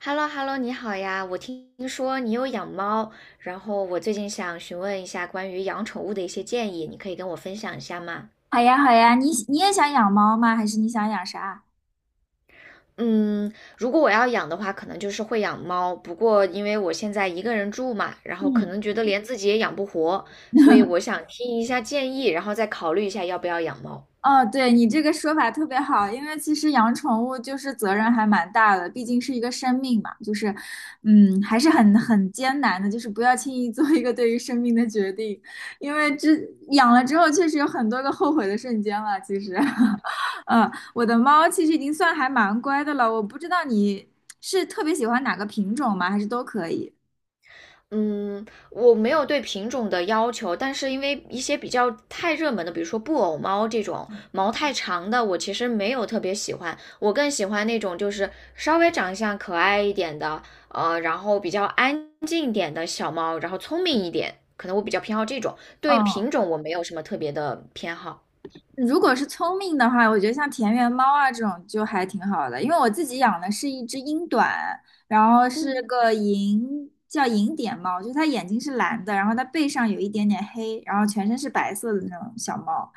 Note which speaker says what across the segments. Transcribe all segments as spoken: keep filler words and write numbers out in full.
Speaker 1: h e l l o h e l l o 你好呀！我听说你有养猫，然后我最近想询问一下关于养宠物的一些建议，你可以跟我分享一下吗？
Speaker 2: 好呀，好呀，你你也想养猫吗？还是你想养啥？
Speaker 1: 嗯，如果我要养的话，可能就是会养猫，不过因为我现在一个人住嘛，然后可
Speaker 2: 嗯，
Speaker 1: 能觉得连自己也养不活，所以我想听一下建议，然后再考虑一下要不要养猫。
Speaker 2: 哦，对，你这个说法特别好，因为其实养宠物就是责任还蛮大的，毕竟是一个生命嘛，就是，嗯，还是很很艰难的，就是不要轻易做一个对于生命的决定，因为这养了之后确实有很多个后悔的瞬间了。其实，嗯，我的猫其实已经算还蛮乖的了，我不知道你是特别喜欢哪个品种吗？还是都可以？
Speaker 1: 嗯，我没有对品种的要求，但是因为一些比较太热门的，比如说布偶猫这种毛太长的，我其实没有特别喜欢。我更喜欢那种就是稍微长相可爱一点的，呃，然后比较安静一点的小猫，然后聪明一点，可能我比较偏好这种。对品
Speaker 2: 嗯。
Speaker 1: 种我没有什么特别的偏好。
Speaker 2: 如果是聪明的话，我觉得像田园猫啊这种就还挺好的，因为我自己养的是一只英短，然后是
Speaker 1: 嗯。
Speaker 2: 个银，叫银点猫，就是它眼睛是蓝的，然后它背上有一点点黑，然后全身是白色的那种小猫。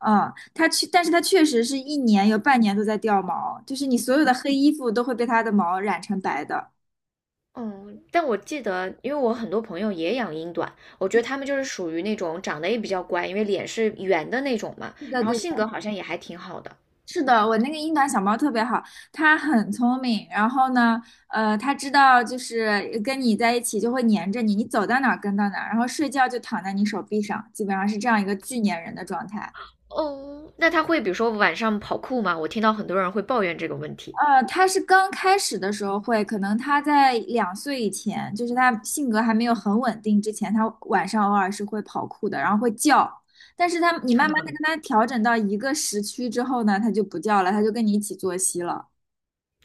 Speaker 2: 嗯，它确，但是它确实是一年有半年都在掉毛，就是你所有的黑衣服都会被它的毛染成白的。
Speaker 1: 嗯，但我记得，因为我很多朋友也养英短，我觉得他们就是属于那种长得也比较乖，因为脸是圆的那种嘛，
Speaker 2: 对的，
Speaker 1: 然后
Speaker 2: 对，
Speaker 1: 性格好像也还挺好的。
Speaker 2: 是的，我那个英短小猫特别好，它很聪明。然后呢，呃，它知道就是跟你在一起就会黏着你，你走到哪儿跟到哪儿，然后睡觉就躺在你手臂上，基本上是这样一个巨粘人的状态。
Speaker 1: 哦，那他会比如说晚上跑酷吗？我听到很多人会抱怨这个问题，
Speaker 2: 呃，它是刚开始的时候会，可能它在两岁以前，就是它性格还没有很稳定之前，它晚上偶尔是会跑酷的，然后会叫。但是它，你慢慢的跟它调整到一个时区之后呢，它就不叫了，它就跟你一起作息了。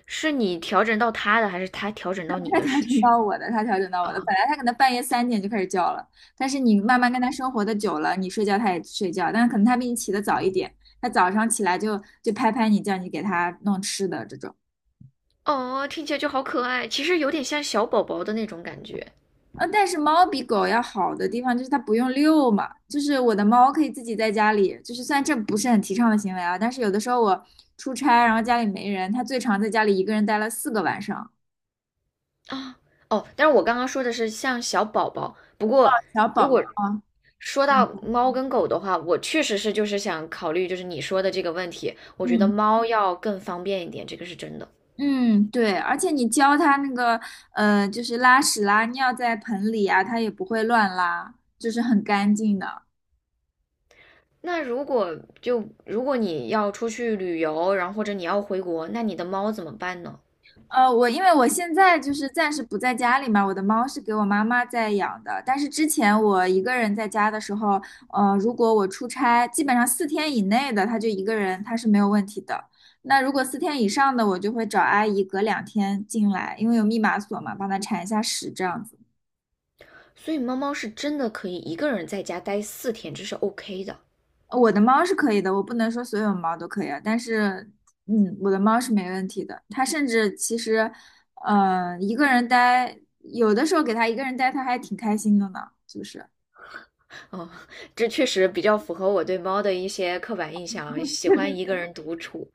Speaker 1: 是你调整到他的，还是他调整到你
Speaker 2: 他
Speaker 1: 的
Speaker 2: 调
Speaker 1: 时
Speaker 2: 整
Speaker 1: 区
Speaker 2: 到我的，他调整到
Speaker 1: 啊？
Speaker 2: 我的。本来他可能半夜三点就开始叫了，但是你慢慢跟他生活的久了，你睡觉他也睡觉，但是可能他比你起得早一点，他早上起来就就拍拍你，叫你给他弄吃的这种。
Speaker 1: 哦，听起来就好可爱，其实有点像小宝宝的那种感觉
Speaker 2: 呃，但是猫比狗要好的地方就是它不用遛嘛，就是我的猫可以自己在家里，就是虽然这不是很提倡的行为啊，但是有的时候我出差，然后家里没人，它最长在家里一个人待了四个晚上。
Speaker 1: 啊。哦，但是我刚刚说的是像小宝宝，不过
Speaker 2: 小
Speaker 1: 如
Speaker 2: 宝宝
Speaker 1: 果
Speaker 2: 啊，
Speaker 1: 说到
Speaker 2: 嗯。
Speaker 1: 猫跟狗的话，我确实是就是想考虑就是你说的这个问题，我觉得
Speaker 2: 嗯，
Speaker 1: 猫要更方便一点，这个是真的。
Speaker 2: 嗯，对，而且你教它那个，呃，就是拉屎拉尿在盆里啊，它也不会乱拉，就是很干净的。
Speaker 1: 那如果就如果你要出去旅游，然后或者你要回国，那你的猫怎么办呢？
Speaker 2: 呃，我因为我现在就是暂时不在家里嘛，我的猫是给我妈妈在养的，但是之前我一个人在家的时候，呃，如果我出差，基本上四天以内的，它就一个人，它是没有问题的。那如果四天以上的，我就会找阿姨隔两天进来，因为有密码锁嘛，帮它铲一下屎这样子。
Speaker 1: 所以猫猫是真的可以一个人在家待四天，这是 OK 的。
Speaker 2: 我的猫是可以的，我不能说所有猫都可以啊，但是，嗯，我的猫是没问题的。它甚至其实，呃，一个人待，有的时候给它一个人待，它还挺开心的呢，是不是？
Speaker 1: 哦，这确实比较符合我对猫的一些刻板印象，喜
Speaker 2: 对
Speaker 1: 欢
Speaker 2: 对
Speaker 1: 一个
Speaker 2: 对，
Speaker 1: 人独处。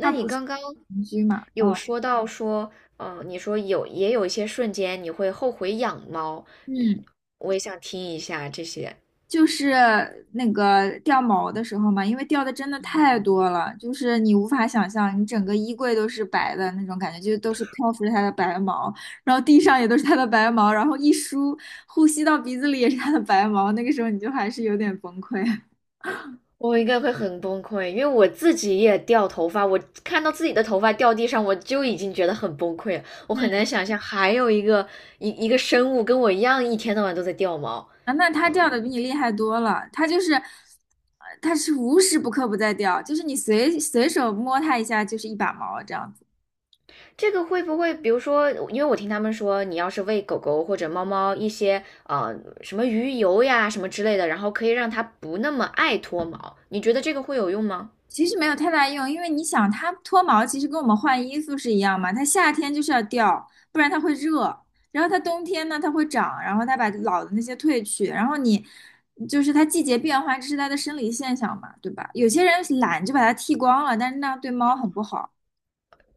Speaker 2: 它
Speaker 1: 你
Speaker 2: 不是
Speaker 1: 刚刚
Speaker 2: 邻居嘛，
Speaker 1: 有
Speaker 2: 嗯，
Speaker 1: 说到说，嗯，你说有也有一些瞬间你会后悔养猫，
Speaker 2: 嗯。
Speaker 1: 我也想听一下这些。
Speaker 2: 就是那个掉毛的时候嘛，因为掉的真的太多了，就是你无法想象，你整个衣柜都是白的那种感觉，就都是漂浮着它的白毛，然后地上也都是它的白毛，然后一梳，呼吸到鼻子里也是它的白毛，那个时候你就还是有点崩溃。
Speaker 1: 我应该会很崩溃，因为我自己也掉头发，我看到自己的头发掉地上，我就已经觉得很崩溃了。我
Speaker 2: 嗯，
Speaker 1: 很难想象还有一个一一个生物跟我一样，一天到晚都在掉毛。
Speaker 2: 啊，那它掉的比你厉害多了，它就是，呃它是无时不刻不在掉，就是你随随手摸它一下就是一把毛这样子。
Speaker 1: 这个会不会，比如说，因为我听他们说，你要是喂狗狗或者猫猫一些呃什么鱼油呀什么之类的，然后可以让它不那么爱脱毛，你觉得这个会有用吗？
Speaker 2: 其实没有太大用，因为你想，它脱毛其实跟我们换衣服是一样嘛，它夏天就是要掉，不然它会热。然后它冬天呢，它会长，然后它把老的那些褪去，然后你就是它季节变化，这是它的生理现象嘛，对吧？有些人懒就把它剃光了，但是那样对猫很不好。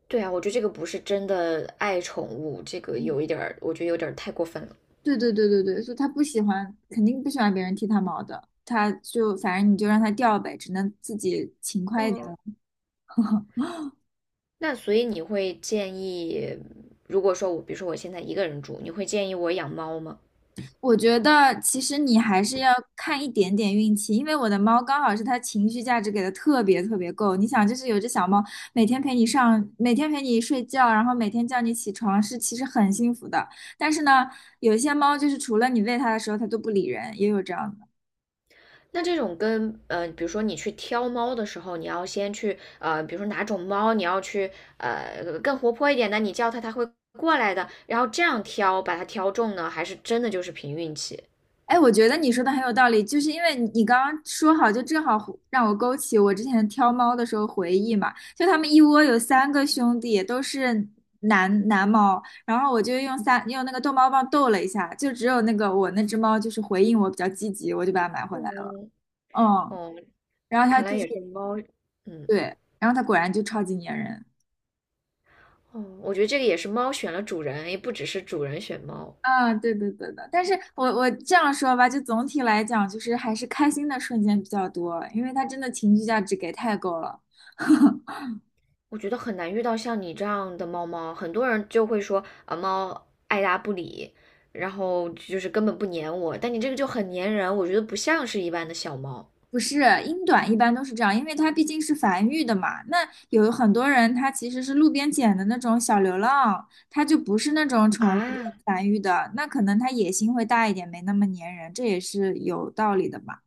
Speaker 1: 对啊，我觉得这个不是真的爱宠物，这个
Speaker 2: 嗯，
Speaker 1: 有一点儿，我觉得有点儿太过分了。
Speaker 2: 对对对对对，所以它不喜欢，肯定不喜欢别人剃它毛的，它就反正你就让它掉呗，只能自己勤快一
Speaker 1: 嗯，
Speaker 2: 点。
Speaker 1: 那所以你会建议，如果说我，比如说我现在一个人住，你会建议我养猫吗？
Speaker 2: 我觉得其实你还是要看一点点运气，因为我的猫刚好是它情绪价值给的特别特别够。你想，就是有只小猫，每天陪你上，每天陪你睡觉，然后每天叫你起床，是其实很幸福的。但是呢，有些猫就是除了你喂它的时候，它都不理人，也有这样的。
Speaker 1: 那这种跟呃，比如说你去挑猫的时候，你要先去呃，比如说哪种猫你要去呃更活泼一点的，你叫它它会过来的，然后这样挑把它挑中呢，还是真的就是凭运气？
Speaker 2: 哎，我觉得你说的很有道理，就是因为你你刚刚说好，就正好忽让我勾起我之前挑猫的时候回忆嘛。就他们一窝有三个兄弟，都是男男猫，然后我就用三用那个逗猫棒逗了一下，就只有那个我那只猫就是回应我比较积极，我就把它买回来了。
Speaker 1: 嗯，
Speaker 2: 嗯，
Speaker 1: 哦，
Speaker 2: 然后它
Speaker 1: 看来
Speaker 2: 就是
Speaker 1: 也是猫，嗯，
Speaker 2: 对，然后它果然就超级粘人。
Speaker 1: 哦，我觉得这个也是猫选了主人，也不只是主人选猫。
Speaker 2: 啊，对对对的，但是我我这样说吧，就总体来讲，就是还是开心的瞬间比较多，因为它真的情绪价值给太够了。
Speaker 1: 我觉得很难遇到像你这样的猫猫，很多人就会说啊，猫爱答不理，然后就是根本不粘我。但你这个就很粘人，我觉得不像是一般的小猫
Speaker 2: 不是，英短一般都是这样，因为它毕竟是繁育的嘛。那有很多人他其实是路边捡的那种小流浪，它就不是那种宠物店
Speaker 1: 啊。
Speaker 2: 繁育的，那可能它野心会大一点，没那么粘人，这也是有道理的嘛。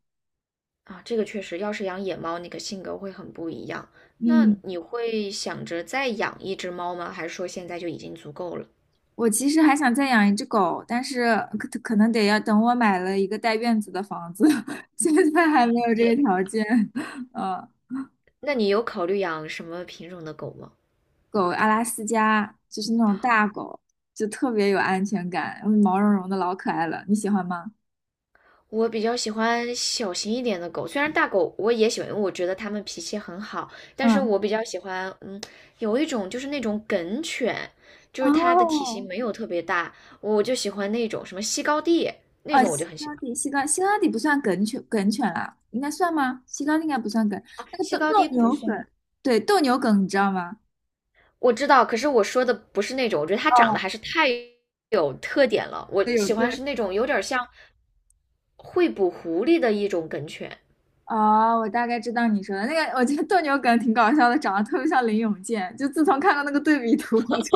Speaker 1: 啊，这个确实，要是养野猫，那个性格会很不一样。那
Speaker 2: 嗯，
Speaker 1: 你会想着再养一只猫吗？还是说现在就已经足够了？
Speaker 2: 我其实还想再养一只狗，但是可可能得要等我买了一个带院子的房子，现在还没有这个条件。嗯。
Speaker 1: 那你有考虑养什么品种的狗吗？
Speaker 2: 狗阿拉斯加，就是那种大狗，就特别有安全感，嗯，毛茸茸的，老可爱了。你喜欢吗？
Speaker 1: 我比较喜欢小型一点的狗，虽然大狗我也喜欢，因为我觉得它们脾气很好，但是
Speaker 2: 嗯，
Speaker 1: 我比较喜欢，嗯，有一种就是那种梗犬，就是它的体型
Speaker 2: 哦，
Speaker 1: 没有特别大，我就喜欢那种什么西高地那
Speaker 2: 啊，西
Speaker 1: 种，我就很
Speaker 2: 高
Speaker 1: 喜欢。
Speaker 2: 地，西高西高地不算梗犬，梗犬啊，应该算吗？西高地应该不算梗，那个
Speaker 1: 西
Speaker 2: 斗
Speaker 1: 高
Speaker 2: 斗
Speaker 1: 地不
Speaker 2: 牛
Speaker 1: 算，
Speaker 2: 梗，对，斗牛梗，你知道吗？
Speaker 1: 我知道，可是我说的不是那种，我觉得它长得
Speaker 2: 哦，
Speaker 1: 还是太有特点了，我
Speaker 2: 对有
Speaker 1: 喜
Speaker 2: 个。
Speaker 1: 欢是那种有点像会捕狐狸的一种梗犬，
Speaker 2: 哦，我大概知道你说的那个，我觉得斗牛梗挺搞笑的，长得特别像林永健。就自从看到那个对比图，我就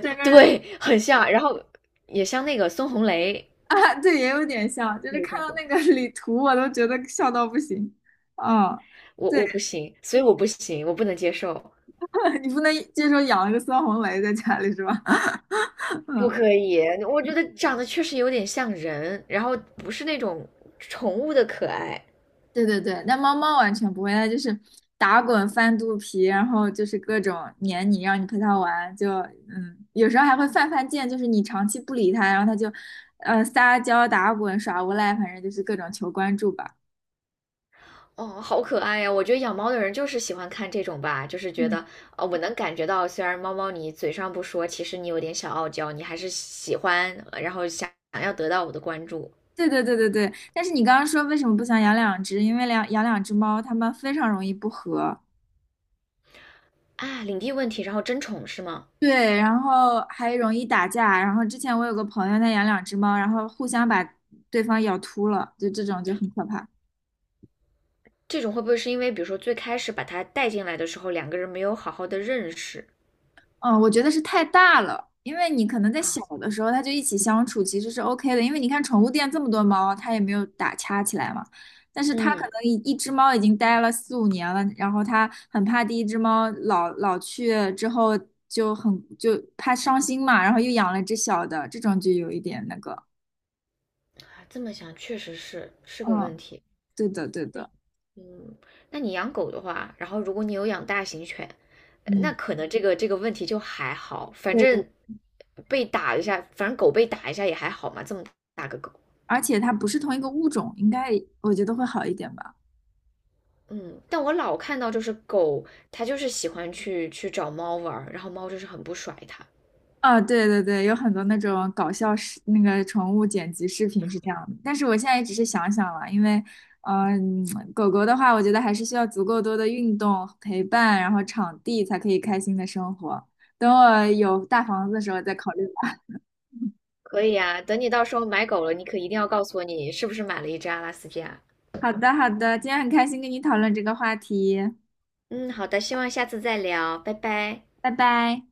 Speaker 2: 整 个人
Speaker 1: 对，很像，然后也像那个孙红雷
Speaker 2: 啊，对，也有点像，就是
Speaker 1: 那
Speaker 2: 看
Speaker 1: 种
Speaker 2: 到
Speaker 1: 狗。
Speaker 2: 那个 李图，我都觉得笑到不行。嗯，
Speaker 1: 我
Speaker 2: 对，
Speaker 1: 我不行，所以我不行，我不能接受，
Speaker 2: 你不能接受养了个孙红雷在家里是吧？
Speaker 1: 不
Speaker 2: 嗯，
Speaker 1: 可以。我觉得长得确实有点像人，然后不是那种宠物的可爱。
Speaker 2: 对对对，那猫猫完全不会，它就是打滚翻肚皮，然后就是各种黏你，让你陪它玩，就嗯，有时候还会犯犯贱，就是你长期不理它，然后它就呃撒娇打滚耍无赖，反正就是各种求关注吧。
Speaker 1: 哦，好可爱呀！我觉得养猫的人就是喜欢看这种吧，就是觉
Speaker 2: 嗯。
Speaker 1: 得，呃，我能感觉到，虽然猫猫你嘴上不说，其实你有点小傲娇，你还是喜欢，呃然后想想要得到我的关注
Speaker 2: 对对对对对，但是你刚刚说为什么不想养两只？因为两养两只猫，它们非常容易不和，
Speaker 1: 啊，领地问题，然后争宠是吗？
Speaker 2: 对，然后还容易打架。然后之前我有个朋友，他养两只猫，然后互相把对方咬秃了，就这种就很可怕。
Speaker 1: 这种会不会是因为，比如说最开始把它带进来的时候，两个人没有好好的认识
Speaker 2: 嗯，我觉得是太大了，因为你可能在小
Speaker 1: 啊？
Speaker 2: 的时候，它就一起相处，其实是 O K 的。因为你看宠物店这么多猫，它也没有打掐起来嘛。但是它可
Speaker 1: 嗯。
Speaker 2: 能一一只猫已经待了四五年了，然后它很怕第一只猫老老去之后就很就怕伤心嘛，然后又养了只小的，这种就有一点那个。
Speaker 1: 啊，这么想确实是是个问
Speaker 2: 嗯，
Speaker 1: 题。
Speaker 2: 对的，对
Speaker 1: 对
Speaker 2: 的，
Speaker 1: 嗯，那你养狗的话，然后如果你有养大型犬，呃那
Speaker 2: 嗯，
Speaker 1: 可能这个这个问题就还好，反
Speaker 2: 对的。
Speaker 1: 正被打一下，反正狗被打一下也还好嘛，这么大个狗。
Speaker 2: 而且它不是同一个物种，应该我觉得会好一点吧。
Speaker 1: 嗯，但我老看到就是狗，它就是喜欢去去找猫玩儿，然后猫就是很不甩它。
Speaker 2: 啊，对对对，有很多那种搞笑视那个宠物剪辑视频是这样的，但是我现在也只是想想了，因为，呃嗯、狗狗的话，我觉得还是需要足够多的运动陪伴，然后场地才可以开心的生活。等我有大房子的时候再考虑吧。
Speaker 1: 可以啊，等你到时候买狗了，你可一定要告诉我你是不是买了一只阿拉斯加。
Speaker 2: 好的，好的，今天很开心跟你讨论这个话题，
Speaker 1: 嗯，好的，希望下次再聊，拜拜。
Speaker 2: 拜拜。